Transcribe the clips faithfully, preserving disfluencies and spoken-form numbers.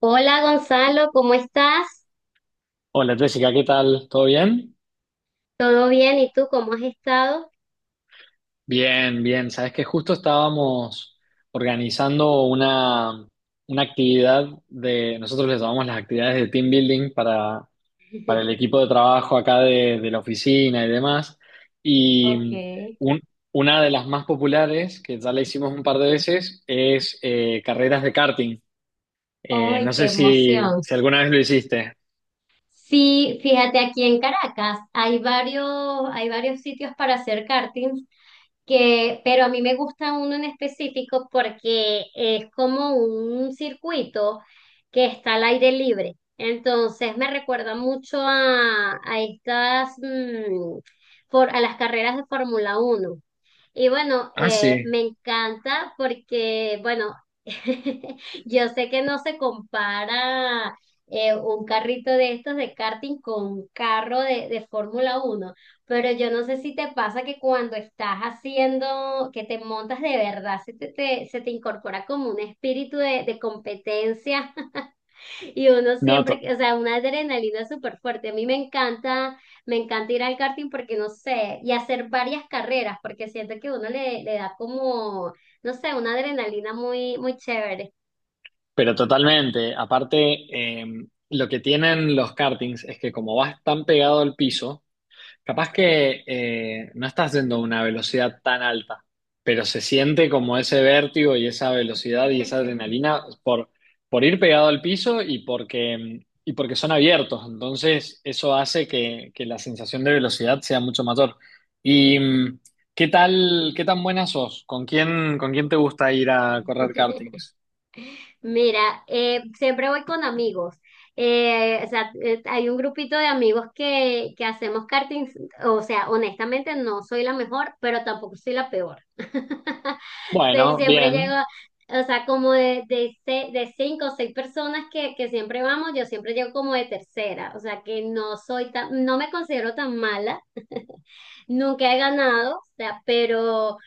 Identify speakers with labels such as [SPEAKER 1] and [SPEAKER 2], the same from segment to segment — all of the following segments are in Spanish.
[SPEAKER 1] Hola Gonzalo, ¿cómo estás?
[SPEAKER 2] Hola Jessica, ¿qué tal? ¿Todo bien?
[SPEAKER 1] ¿Todo bien? ¿Y tú cómo has estado?
[SPEAKER 2] Bien, bien. Sabes que justo estábamos organizando una, una actividad de, nosotros les llamamos las actividades de team building para, para el equipo de trabajo acá de, de la oficina y demás.
[SPEAKER 1] Ok.
[SPEAKER 2] Y un- una de las más populares, que ya la hicimos un par de veces, es eh, carreras de karting. Eh,
[SPEAKER 1] ¡Ay,
[SPEAKER 2] no
[SPEAKER 1] qué
[SPEAKER 2] sé si,
[SPEAKER 1] emoción!
[SPEAKER 2] si alguna vez lo hiciste.
[SPEAKER 1] Sí, fíjate, aquí en Caracas hay varios, hay varios sitios para hacer karting que, pero a mí me gusta uno en específico porque es como un circuito que está al aire libre. Entonces me recuerda mucho a, a estas, mm, for- a las carreras de Fórmula Uno. Y bueno,
[SPEAKER 2] Ah,
[SPEAKER 1] eh,
[SPEAKER 2] sí.
[SPEAKER 1] me encanta porque, bueno, yo sé que no se compara eh, un carrito de estos de karting con un carro de, de Fórmula uno, pero yo no sé si te pasa que cuando estás haciendo, que te montas de verdad, se te, te- se te incorpora como un espíritu de, de competencia. Y uno
[SPEAKER 2] No,
[SPEAKER 1] siempre,
[SPEAKER 2] to-
[SPEAKER 1] o sea, una adrenalina súper fuerte. A mí me encanta, me encanta ir al karting porque no sé, y hacer varias carreras, porque siento que uno le, le da como, no sé, una adrenalina muy, muy chévere.
[SPEAKER 2] Pero totalmente. Aparte, eh, lo que tienen los kartings es que como vas tan pegado al piso, capaz que eh, no estás yendo a una velocidad tan alta, pero se siente como ese vértigo y esa velocidad y esa adrenalina por, por ir pegado al piso y porque, em, y porque son abiertos. Entonces, eso hace que, que la sensación de velocidad sea mucho mayor. ¿Y mm, qué tal, qué tan buena sos? ¿Con quién, con quién te gusta ir a correr kartings?
[SPEAKER 1] Mira, eh, siempre voy con amigos. Eh, o sea, eh, hay un grupito de amigos que, que hacemos karting. O sea, honestamente no soy la mejor, pero tampoco soy la peor. Sie-
[SPEAKER 2] Bueno,
[SPEAKER 1] Siempre llego,
[SPEAKER 2] bien.
[SPEAKER 1] o sea, como de, de, se- de cinco o seis personas que, que siempre vamos, yo siempre llego como de tercera. O sea, que no soy tan, no me considero tan mala. Nunca he ganado, o sea, pero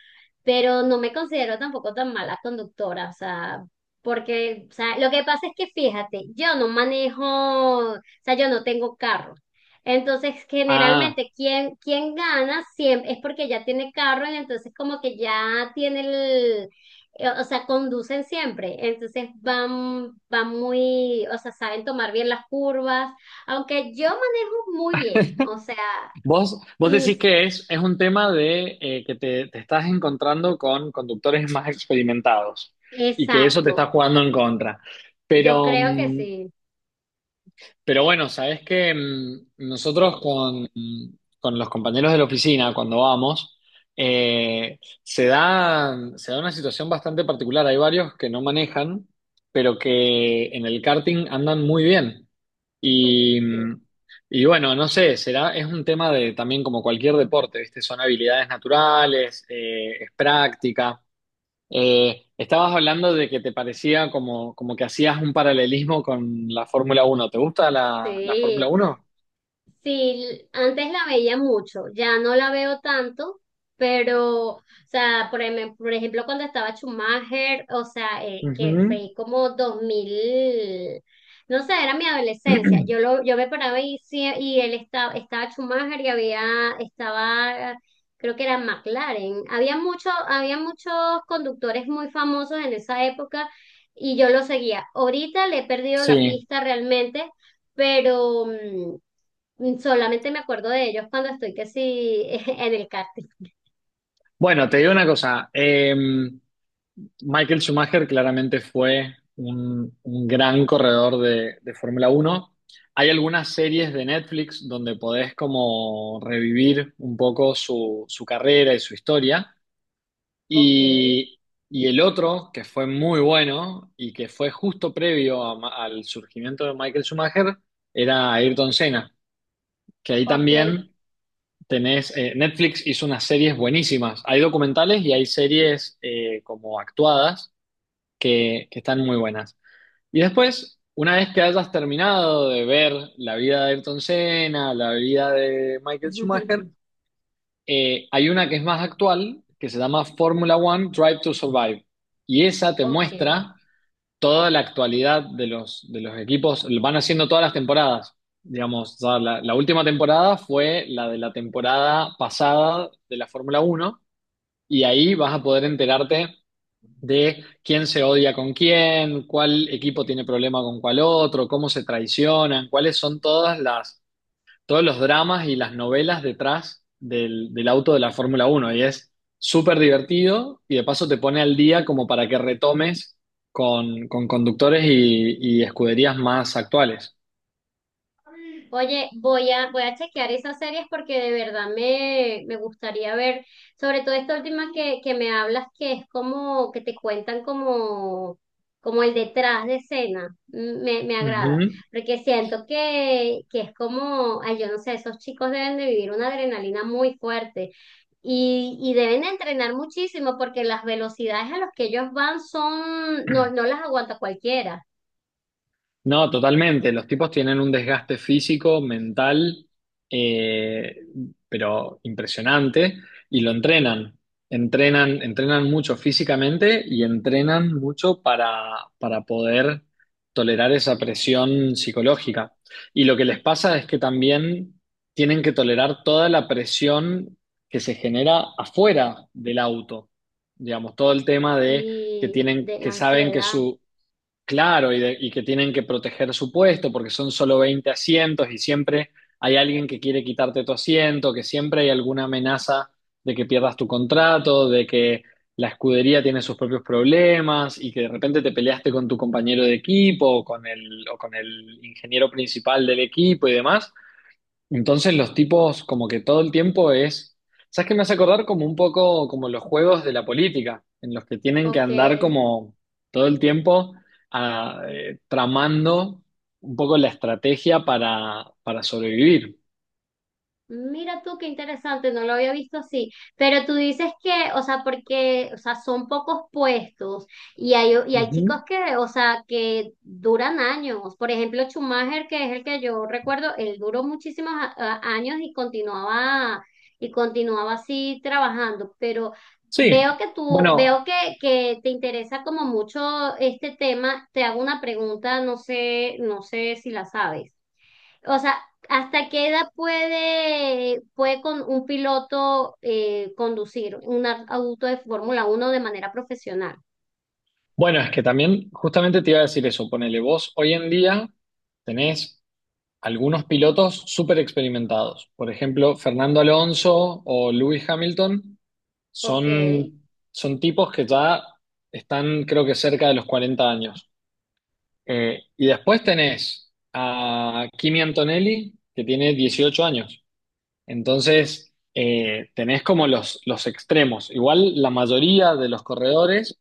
[SPEAKER 1] pero no me considero tampoco tan mala conductora, o sea, porque, o sea, lo que pasa es que fíjate, yo no manejo, o sea, yo no tengo carro. Entonces,
[SPEAKER 2] Ah,
[SPEAKER 1] generalmente, quien, quien gana siempre es porque ya tiene carro y entonces como que ya tiene el, eh, o sea, conducen siempre. Entonces van, van muy, o sea, saben tomar bien las curvas, aunque yo manejo muy bien, o sea,
[SPEAKER 2] vos, vos
[SPEAKER 1] mm,
[SPEAKER 2] decís que es, es un tema de eh, que te, te estás encontrando con conductores más experimentados y que eso te
[SPEAKER 1] exacto,
[SPEAKER 2] está jugando en contra.
[SPEAKER 1] yo
[SPEAKER 2] Pero,
[SPEAKER 1] creo que
[SPEAKER 2] mm,
[SPEAKER 1] sí.
[SPEAKER 2] pero bueno, sabés que mm, nosotros con, con los compañeros de la oficina, cuando vamos, eh, se da, se da una situación bastante particular. Hay varios que no manejan, pero que en el karting andan muy bien. Y,
[SPEAKER 1] Sí.
[SPEAKER 2] y bueno, no sé, será, es un tema de también como cualquier deporte, ¿viste? Son habilidades naturales, eh, es práctica. Eh, estabas hablando de que te parecía como, como que hacías un paralelismo con la Fórmula uno. ¿Te gusta la, la Fórmula
[SPEAKER 1] Sí,
[SPEAKER 2] uno?
[SPEAKER 1] sí, antes la veía mucho, ya no la veo tanto, pero, o sea, por, em- por ejemplo, cuando estaba Schumacher, o sea, eh, que fue
[SPEAKER 2] Ujú.
[SPEAKER 1] como dos mil, no sé, era mi adolescencia, yo lo, yo me paraba, y, sí- y él estaba, estaba Schumacher y había, estaba, creo que era McLaren, había mucho, había muchos conductores muy famosos en esa época y yo lo seguía. Ahorita le he perdido la
[SPEAKER 2] Sí.
[SPEAKER 1] pista realmente, pero mm, solamente me acuerdo de ellos cuando estoy que sí en el karting.
[SPEAKER 2] Bueno, te digo una cosa. em, Michael Schumacher claramente fue un, un gran corredor de, de Fórmula Uno. Hay algunas series de Netflix donde podés como revivir un poco su, su carrera y su historia.
[SPEAKER 1] Ok.
[SPEAKER 2] Y, y el otro, que fue muy bueno y que fue justo previo a Ma- al surgimiento de Michael Schumacher, era Ayrton Senna, que ahí
[SPEAKER 1] Ok.
[SPEAKER 2] también tenés, eh, Netflix hizo unas series buenísimas. Hay documentales y hay series eh, como actuadas que, que están muy buenas. Y después, una vez que hayas terminado de ver la vida de Ayrton Senna, la vida de Michael Schumacher, eh, hay una que es más actual, que se llama Formula One Drive to Survive. Y esa te
[SPEAKER 1] Ok.
[SPEAKER 2] muestra toda la actualidad de los, de los, equipos, lo van haciendo todas las temporadas. Digamos, ya la, la última temporada fue la de la temporada pasada de la Fórmula Uno y ahí vas a poder enterarte de quién se odia con quién, cuál equipo tiene problema con cuál otro, cómo se traicionan, cuáles son todas las, todos los dramas y las novelas detrás del, del auto de la Fórmula Uno. Y es súper divertido y de paso te pone al día como para que retomes con, con, conductores y, y escuderías más actuales.
[SPEAKER 1] Oye, voy a, voy a chequear esas series porque de verdad me, me gustaría ver, sobre todo esta última que, que me hablas, que es como que te cuentan como, como el detrás de escena. Mm, me, me agrada,
[SPEAKER 2] Ujú.
[SPEAKER 1] porque siento que, que es como, ay, yo no sé, esos chicos deben de vivir una adrenalina muy fuerte y, y deben de entrenar muchísimo porque las velocidades a las que ellos van son, no, no las aguanta cualquiera,
[SPEAKER 2] No, totalmente. Los tipos tienen un desgaste físico, mental, eh, pero impresionante, y lo entrenan. Entrenan, entrenan mucho físicamente y entrenan mucho para, para poder tolerar esa presión psicológica. Y lo que les pasa es que también tienen que tolerar toda la presión que se genera afuera del auto. Digamos, todo el tema de que
[SPEAKER 1] y
[SPEAKER 2] tienen,
[SPEAKER 1] de la
[SPEAKER 2] que saben que
[SPEAKER 1] ansiedad.
[SPEAKER 2] su. Claro, y, de- y que tienen que proteger su puesto porque son solo veinte asientos y siempre hay alguien que quiere quitarte tu asiento, que siempre hay alguna amenaza de que pierdas tu contrato, de que la escudería tiene sus propios problemas y que de repente te peleaste con tu compañero de equipo o con el, o con el ingeniero principal del equipo y demás. Entonces los tipos como que todo el tiempo es, ¿sabes qué me hace acordar? Como un poco como los juegos de la política, en los que tienen que
[SPEAKER 1] Ok.
[SPEAKER 2] andar como todo el tiempo ah, eh, tramando un poco la estrategia para, para, sobrevivir.
[SPEAKER 1] Mira tú qué interesante, no lo había visto así, pero tú dices que, o sea, porque, o sea, son pocos puestos y hay, y hay chicos
[SPEAKER 2] Ujú.
[SPEAKER 1] que, o sea, que duran años. Por ejemplo, Schumacher, que es el que yo recuerdo, él duró muchísimos a- a- años y continuaba y continuaba así trabajando, pero
[SPEAKER 2] Sí,
[SPEAKER 1] veo que tú, veo
[SPEAKER 2] bueno,
[SPEAKER 1] que, que te interesa como mucho este tema. Te hago una pregunta, no sé, no sé si la sabes. O sea, ¿hasta qué edad puede, puede con un piloto eh, conducir un ar- auto de Fórmula uno de manera profesional?
[SPEAKER 2] bueno, es que también justamente te iba a decir eso, ponele vos, hoy en día tenés algunos pilotos súper experimentados, por ejemplo, Fernando Alonso o Lewis Hamilton.
[SPEAKER 1] Ok.
[SPEAKER 2] Son, son tipos que ya están, creo que cerca de los cuarenta años. Eh, y después tenés a Kimi Antonelli, que tiene dieciocho años. Entonces, eh, tenés como los, los extremos. Igual la mayoría de los corredores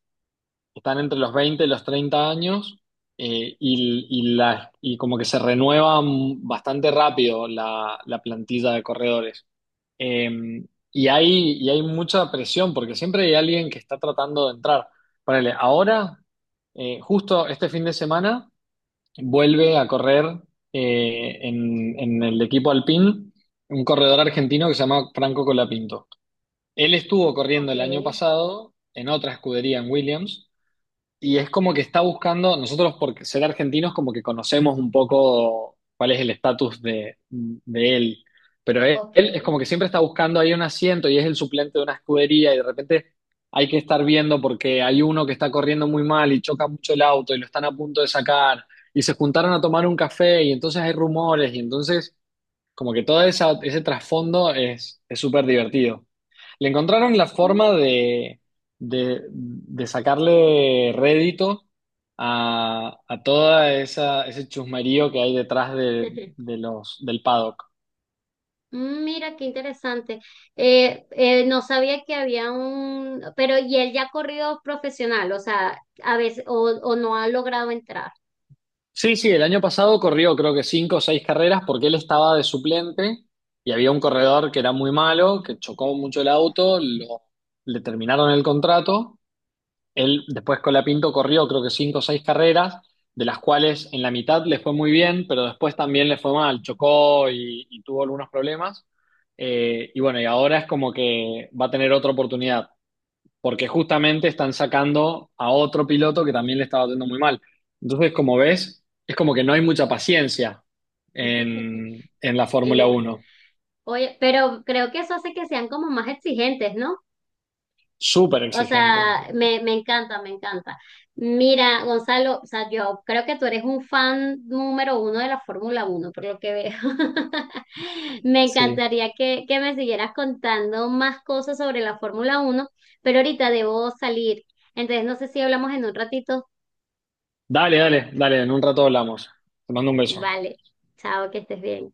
[SPEAKER 2] están entre los veinte y los treinta años. eh, y, y la, y como que se renueva mm, bastante rápido la, la plantilla de corredores. Eh, y hay, y hay mucha presión porque siempre hay alguien que está tratando de entrar. Ponele, ahora, eh, justo este fin de semana, vuelve a correr eh, en, en el equipo Alpine un corredor argentino que se llama Franco Colapinto. Él estuvo corriendo
[SPEAKER 1] Ok.
[SPEAKER 2] el año pasado en otra escudería en Williams y es como que está buscando, nosotros por ser argentinos como que conocemos un poco cuál es el estatus de, de él, pero él,
[SPEAKER 1] Ok.
[SPEAKER 2] él es como que siempre está buscando ahí un asiento y es el suplente de una escudería y de repente hay que estar viendo porque hay uno que está corriendo muy mal y choca mucho el auto y lo están a punto de sacar y se juntaron a tomar un café y entonces hay rumores y entonces como que todo esa, ese trasfondo es es súper divertido. Le encontraron la forma
[SPEAKER 1] Mm.
[SPEAKER 2] de, de, de sacarle rédito a, a toda esa, ese chusmerío que hay detrás de, de los, del paddock.
[SPEAKER 1] Mira, qué interesante. Eh, eh, no sabía que había un, pero y él ya ha corrido profesional, o sea, a veces, o, o no ha logrado entrar.
[SPEAKER 2] Sí, sí, el año pasado corrió creo que cinco o seis carreras porque él estaba de suplente y había un corredor que era muy malo, que chocó mucho el auto, lo- le terminaron el contrato. Él después con la Pinto corrió creo que cinco o seis carreras, de las cuales en la mitad le fue muy bien, pero después también le fue mal, chocó y, y tuvo algunos problemas. Eh, y bueno, y ahora es como que va a tener otra oportunidad, porque justamente están sacando a otro piloto que también le estaba haciendo muy mal. Entonces, como ves, es como que no hay mucha paciencia en, en la
[SPEAKER 1] en
[SPEAKER 2] Fórmula
[SPEAKER 1] la-
[SPEAKER 2] Uno.
[SPEAKER 1] Oye, pero creo que eso hace que sean como más exigentes, ¿no?
[SPEAKER 2] Súper
[SPEAKER 1] O
[SPEAKER 2] exigente.
[SPEAKER 1] sea, me, me encanta, me encanta. Mira, Gonzalo, o sea, yo creo que tú eres un fan número uno de la Fórmula Uno, por lo que veo. Me
[SPEAKER 2] Sí.
[SPEAKER 1] encantaría que, que me siguieras contando más cosas sobre la Fórmula Uno, pero ahorita debo salir. Entonces, no sé si hablamos en un ratito.
[SPEAKER 2] Dale, dale, dale, en un rato hablamos. Te mando un beso.
[SPEAKER 1] Vale, chao, que estés bien.